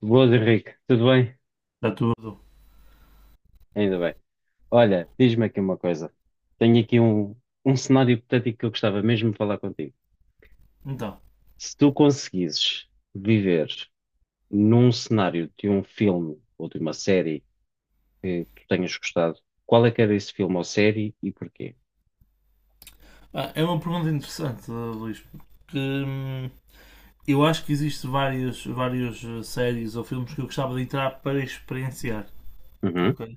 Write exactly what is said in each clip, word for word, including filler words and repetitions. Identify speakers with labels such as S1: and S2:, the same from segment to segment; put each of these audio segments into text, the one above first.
S1: Boas, Henrique. Tudo bem?
S2: Está tudo.
S1: Ainda bem. Olha, diz-me aqui uma coisa. Tenho aqui um, um cenário hipotético que eu gostava mesmo de falar contigo.
S2: Então,
S1: Se tu conseguisses viver num cenário de um filme ou de uma série que tu tenhas gostado, qual é que era esse filme ou série e porquê?
S2: ah, é uma pergunta interessante, Luís, porque hum, eu acho que existem várias, várias eh, séries ou filmes que eu gostava de entrar para experienciar.
S1: Uhum.
S2: Ok?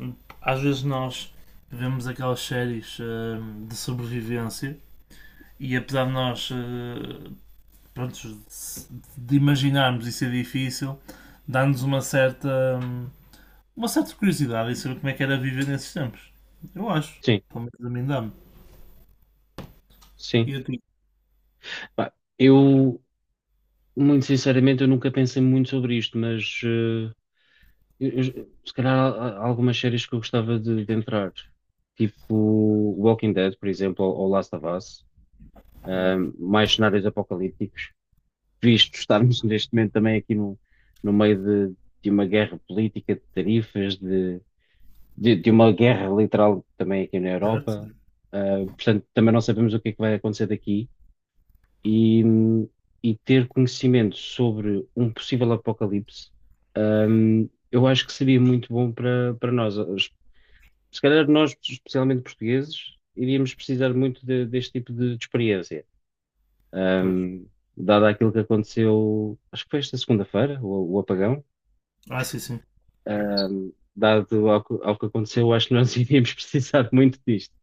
S2: Hum, Às vezes nós vemos aquelas séries hum, de sobrevivência e apesar de nós eh, pronto, de, de imaginarmos isso é difícil, dá-nos uma certa, hum, uma certa curiosidade em saber como é que era viver nesses tempos. Eu acho.
S1: Sim,
S2: Pelo menos a mim dá-me.
S1: sim.
S2: E a ti?
S1: Pá, eu, muito sinceramente, eu nunca pensei muito sobre isto, mas eh, Eu- eu- se calhar há, há algumas séries que eu gostava de, de entrar, tipo Walking Dead, por exemplo, ou, ou Last of Us,
S2: Ah,
S1: ahm, mais cenários apocalípticos, visto estarmos neste momento também aqui no, no meio de, de uma guerra política, de tarifas, de, de, de uma guerra literal também aqui na
S2: certo?
S1: Europa. Ah, portanto, também não sabemos o que é que vai acontecer daqui e, e ter conhecimento sobre um possível apocalipse. Hum, eu acho que seria muito bom para, para nós. Os- Se calhar nós, especialmente portugueses, iríamos precisar muito de- deste tipo de, de experiência.
S2: Pois.
S1: Hum, dado aquilo que aconteceu, acho que foi esta segunda-feira, o, o apagão.
S2: Ah, sim, sim.
S1: Hum, dado ao, que ao que aconteceu, acho que nós iríamos precisar muito disto.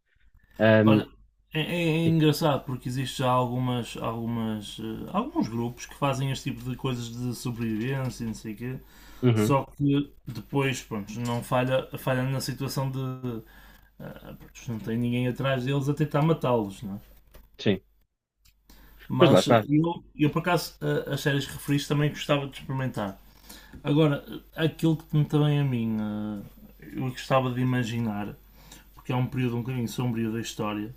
S1: Hum,
S2: Olha, é, é- é
S1: sim.
S2: engraçado porque existe já algumas, algumas, eh, alguns grupos que fazem este tipo de coisas de sobrevivência e não sei o quê,
S1: Uhum,
S2: só que depois, pronto, não falha, falha na situação de, ah, pronto, não tem ninguém atrás deles a tentar matá-los, não é?
S1: sim. Mas lá
S2: Mas eh,
S1: está.
S2: eu, eu por acaso, eh, as séries que referiste também gostava de experimentar. Agora, eh, aquilo que me também a mim, eh, eu gostava de imaginar, porque é um período um bocadinho sombrio da história,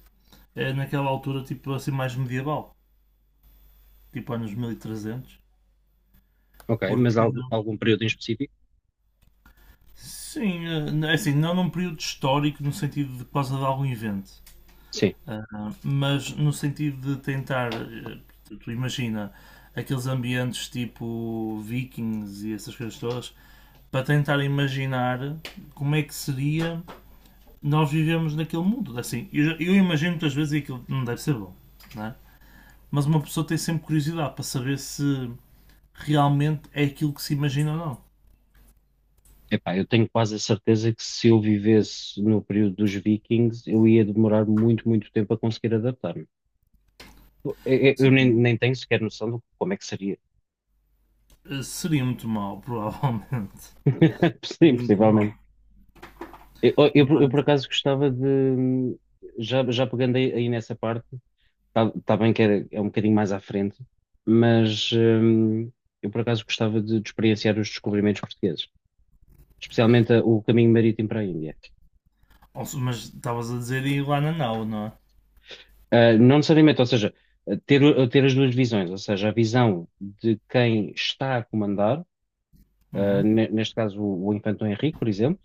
S2: é naquela altura tipo assim mais medieval, tipo anos mil e trezentos.
S1: Ok, mas
S2: Porque,
S1: algu- algum período em específico?
S2: sim, eh, é assim, não num período histórico no sentido de por causa de algum evento,
S1: Sim.
S2: ah, mas no sentido de tentar, eh, tu tu imagina, aqueles ambientes tipo vikings e essas coisas todas, para tentar imaginar como é que seria nós vivemos naquele mundo. É assim, eu, já- eu imagino muitas vezes e aquilo não deve ser bom, não é? Mas uma pessoa tem sempre curiosidade para saber se realmente é aquilo que se imagina ou não.
S1: Epá, eu tenho quase a certeza que se eu vivesse no período dos Vikings, eu ia demorar muito, muito tempo a conseguir adaptar-me. Eu, eu- eu nem, nem tenho sequer noção de como é que seria.
S2: Eh, Seria muito mal, provavelmente.
S1: Sim,
S2: Seria muito mal.
S1: possivelmente. Eu, eu- eu, por
S2: Mas,
S1: acaso gostava de. Já, já pegando aí, aí nessa parte, está tá tá bem que é, é um bocadinho mais à frente, mas hum, eu por acaso gostava de, de experienciar os descobrimentos portugueses, especialmente a- o caminho marítimo para a Índia.
S2: mas estavas a dizer ir lá na nau, não é?
S1: Uh, não necessariamente, ou seja, uh, ter, uh, ter as duas visões, ou seja, a visão de quem está a comandar, uh,
S2: Uhum,
S1: ne- neste caso o, o Infante Dom Henrique, por exemplo,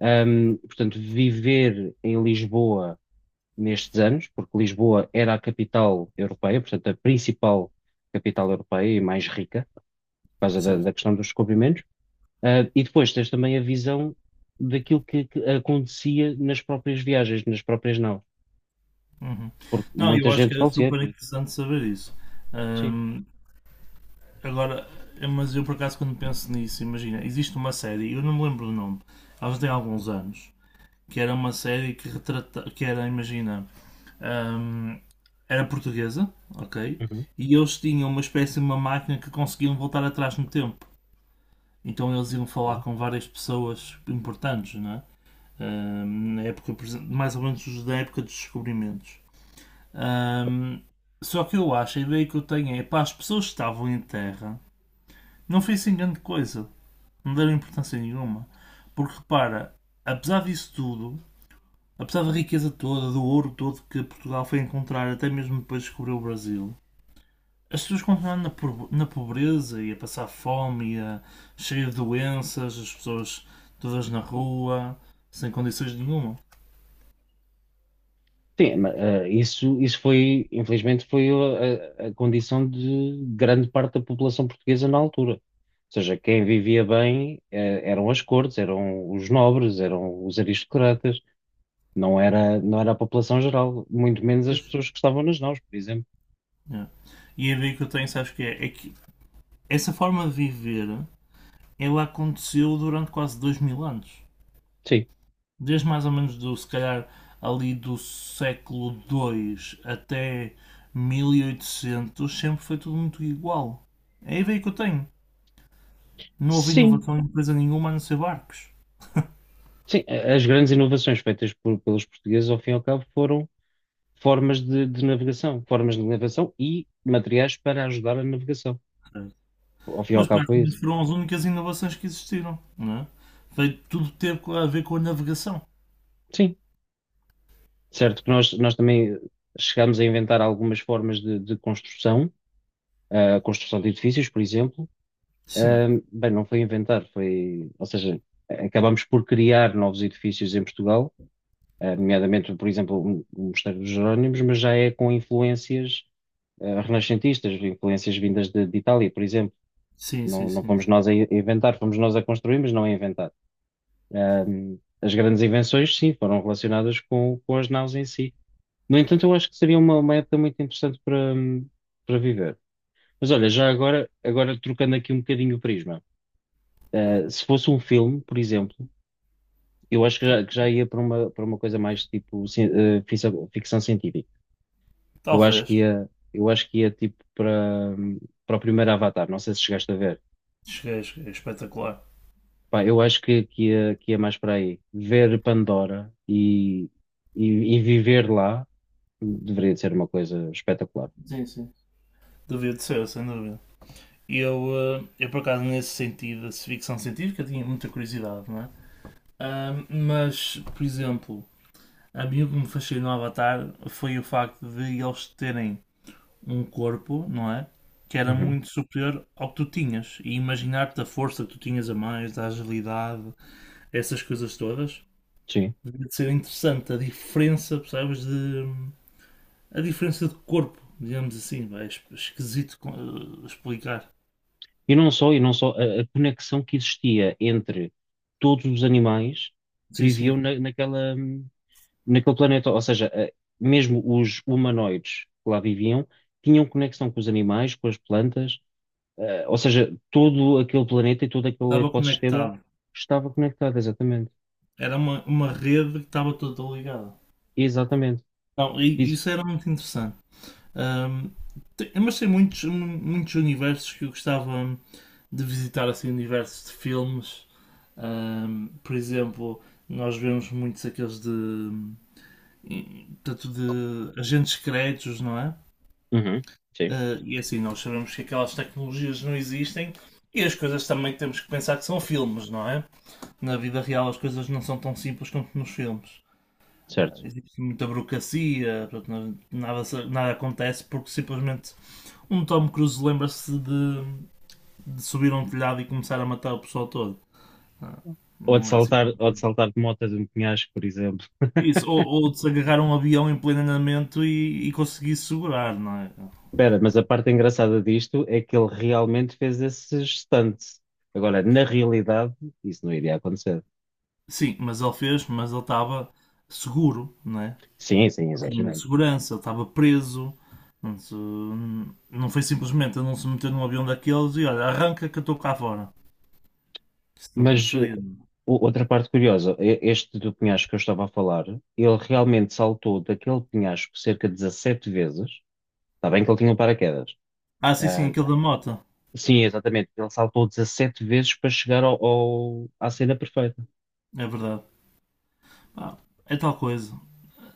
S1: um, portanto, viver em Lisboa nestes anos, porque Lisboa era a capital europeia, portanto, a principal capital europeia e mais rica, por causa da,
S2: certo.
S1: da questão dos descobrimentos. Uh, e depois tens também a visão daquilo que, que acontecia nas próprias viagens, nas próprias não,
S2: Uhum.
S1: porque
S2: Não,
S1: muita
S2: eu acho que
S1: gente
S2: era
S1: falecia,
S2: super
S1: por exemplo.
S2: interessante saber isso.
S1: Sim.
S2: Ahm, agora, eh, mas eu por acaso quando penso nisso, imagina, existe uma série, eu não me lembro do nome, ela já tem alguns anos, que era uma série que retrata, que era, imagina, hum, era portuguesa, ok? E eles tinham uma espécie de uma máquina que conseguiam voltar atrás no tempo. Então eles iam falar
S1: Uhum.
S2: com várias pessoas importantes, não é? Hum, na época, por exemplo, mais ou menos da época dos descobrimentos. Hum, só que eu acho, a ideia que eu tenho é, pá, as pessoas que estavam em terra não fez assim grande coisa, não deram importância nenhuma. Porque repara, apesar disso tudo, apesar da riqueza toda, do ouro todo que Portugal foi encontrar, até mesmo depois de descobrir o Brasil, as pessoas continuam na, na pobreza e a passar fome e a cheia de doenças, as pessoas todas na rua, sem condições nenhuma.
S1: Sim, mas, eh, isso, isso foi, infelizmente, foi a, a- a condição de grande parte da população portuguesa na altura. Ou seja, quem vivia bem, eh, eram as cortes, eram os nobres, eram os aristocratas, não era, não era a população geral, muito menos as
S2: Pois.
S1: pessoas que estavam nas naus, por exemplo.
S2: É. E a ideia que eu tenho, sabes que é? É que essa forma de viver, ela aconteceu durante quase dois mil anos.
S1: Sim,
S2: Desde mais ou menos do, se calhar, ali do século dois até mil e oitocentos sempre foi tudo muito igual. É a ideia que eu tenho. Não houve
S1: sim,
S2: inovação em empresa nenhuma a não ser barcos.
S1: sim. A- As grandes inovações feitas por- pelos portugueses, ao fim e ao cabo, foram formas de, de navegação, formas de navegação e materiais para ajudar a navegação. Ao fim e ao
S2: Mas
S1: cabo, foi
S2: praticamente
S1: isso.
S2: foram as únicas inovações que existiram, não é? Foi tudo ter a ver com a navegação.
S1: Sim. Certo que nós, nós também chegámos a inventar algumas formas de, de construção, eh, a construção de edifícios, por exemplo.
S2: Sim,
S1: Ahm, bem, não foi inventar, foi, ou seja, acabámos por criar novos edifícios em Portugal, ah, nomeadamente, por exemplo, o o Mosteiro dos Jerónimos, mas já é com influências, ah, renascentistas, influências vindas de, de Itália, por exemplo.
S2: sim, sim,
S1: Não, não
S2: sim.
S1: fomos
S2: Sim.
S1: nós a i- a inventar, fomos nós a construir, mas não a inventar. Ahm, as grandes invenções, sim, foram relacionadas com, com as naus em si. No entanto, eu acho que seria uma, uma época muito interessante para, para viver. Mas olha, já agora, agora trocando aqui um bocadinho o prisma, eh, se fosse um filme, por exemplo, eu acho que já, que já ia para uma, para uma coisa mais tipo ci- eh, ficção, ficção científica. Eu acho que
S2: Talvez.
S1: ia, eu acho que ia tipo para, hum, para o primeiro Avatar, não sei se chegaste a ver.
S2: Cheguei, cheguei. Espetacular.
S1: Pá, eu acho que, que ia, que ia mais para aí. Ver Pandora e, e, e viver lá deveria de ser uma coisa espetacular.
S2: Sim, sim. Devia de ser, sem dúvida. E eu, eh, eu, por acaso, nesse sentido, de ficção científica, tinha muita curiosidade, não é? Ah, mas, por exemplo, a mim o que me fascinou no Avatar foi o facto de eles terem um corpo, não é? Que era
S1: Uhum.
S2: muito superior ao que tu tinhas. E imaginar-te a força que tu tinhas a mais, a agilidade, essas coisas todas,
S1: Sim.
S2: devia de ser interessante. A diferença, percebes, de. A diferença de corpo, digamos assim, vai, é esquisito eh, explicar.
S1: E não só, e não só, a, a conexão que existia entre todos os animais que
S2: Sim,
S1: viviam
S2: sim.
S1: na- naquela, naquele planeta. Ou seja, eh, mesmo os humanoides que lá viviam tinham conexão com os animais, com as plantas, eh, ou seja, todo aquele planeta e todo aquele
S2: Estava
S1: ecossistema
S2: conectado.
S1: estava conectado, exatamente.
S2: Era uma, uma rede que estava toda ligada.
S1: Exatamente.
S2: Então e
S1: Isso.
S2: isso era muito interessante. Ahm, tem- mas tem muitos, mu- muitos universos que eu gostava de visitar, assim, universos de filmes. Ahm, por exemplo, nós vemos muitos aqueles de, tanto de agentes secretos, não é?
S1: Uhum. Sim,
S2: Ah, e assim, nós sabemos que aquelas tecnologias não existem e as coisas também temos que pensar que são filmes, não é? Na vida real as coisas não são tão simples quanto nos filmes. Ah,
S1: certo.
S2: existe muita burocracia, portanto, nada, nada acontece porque simplesmente um Tom Cruise lembra-se de, de subir a um telhado e começar a matar o pessoal todo. Ah,
S1: Ou de
S2: não é assim que.
S1: saltar, ou de saltar de moto de um penhasco, por exemplo.
S2: Isso, ou, ou de se agarrar a um avião em pleno andamento e, e conseguir segurar, não é?
S1: Espera, mas a parte engraçada disto é que ele realmente fez esse stunt. Agora, na realidade, isso não iria acontecer.
S2: Sim, mas ele fez, mas ele estava seguro, não é?
S1: Sim, sim,
S2: Tinha
S1: exaginei.
S2: segurança, ele estava preso. Portanto, não foi simplesmente ele não se meter num avião daqueles e olha, arranca que eu estou cá fora. Isso não
S1: Mas uh,
S2: aconteceria. É?
S1: o- outra parte curiosa, e- este do penhasco que eu estava a falar, ele realmente saltou daquele penhasco cerca de dezassete vezes. Está bem que ele tinha um paraquedas.
S2: Ah, sim, sim,
S1: Ah,
S2: aquele da moto.
S1: sim, exatamente. Ele saltou dezassete vezes para chegar ao, ao- à cena perfeita.
S2: É verdade. Ah, é tal coisa.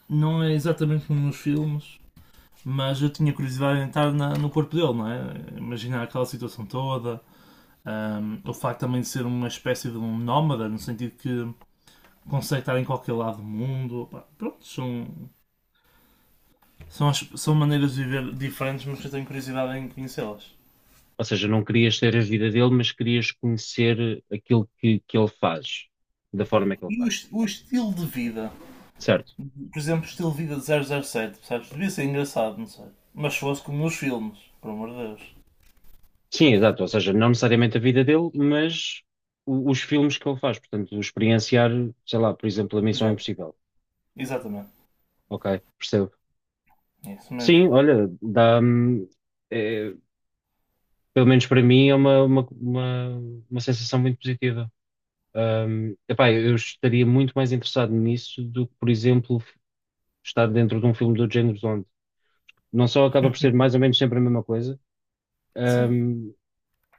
S2: Não é exatamente como nos filmes, mas eu tinha curiosidade em estar na- no corpo dele, não é? Imaginar aquela situação toda, um, o facto também de ser uma espécie de um nómada, no sentido que consegue estar em qualquer lado do mundo. Pá, pronto, são, são, as- são maneiras de viver diferentes, mas que eu tenho curiosidade em conhecê-las.
S1: Ou seja, não querias ter a vida dele, mas querias conhecer aquilo que, que ele faz, da forma que ele
S2: E o,
S1: faz.
S2: o estilo de vida,
S1: Certo.
S2: por exemplo, o estilo de vida de zero zero sete, percebes? Devia ser engraçado, não sei. Mas se fosse como nos filmes, por amor de Deus.
S1: Sim, exato. Ou seja, não necessariamente a vida dele, mas o- os filmes que ele faz. Portanto, experienciar, sei lá, por exemplo, a Missão
S2: Exato,
S1: Impossível.
S2: exatamente.
S1: Ok, percebo.
S2: É isso
S1: Sim,
S2: mesmo.
S1: olha, dá, hum, é, pelo menos para mim, é uma, uma, uma, uma sensação muito positiva. Hum, epá, eu estaria muito mais interessado nisso do que, por exemplo, estar dentro de um filme do género onde não só acaba por ser mais ou menos sempre a mesma coisa,
S2: Sim.
S1: hum,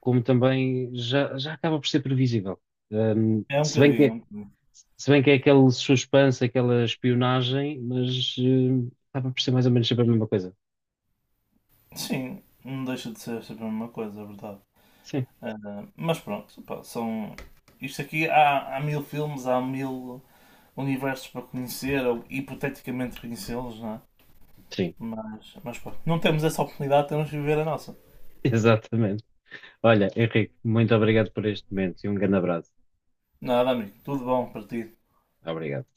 S1: como também já, já acaba por ser previsível. Um,
S2: É um
S1: se bem
S2: bocadinho, é
S1: que
S2: um bocadinho.
S1: Se bem que é aquele suspense, aquela espionagem, mas eh, acaba por ser mais ou menos sempre a mesma coisa.
S2: Sim, não deixa de ser sempre a mesma coisa, é verdade.
S1: Sim,
S2: Ah, mas pronto, pá, são. Isto aqui há, há mil filmes, há mil universos para conhecer, ou hipoteticamente conhecê-los, não é?
S1: sim,
S2: Mas, mas pronto, não temos essa oportunidade, temos de viver a nossa.
S1: exatamente. Olha, Henrique, muito obrigado por este momento e um grande abraço.
S2: Nada, amigo, tudo bom para ti.
S1: Obrigado.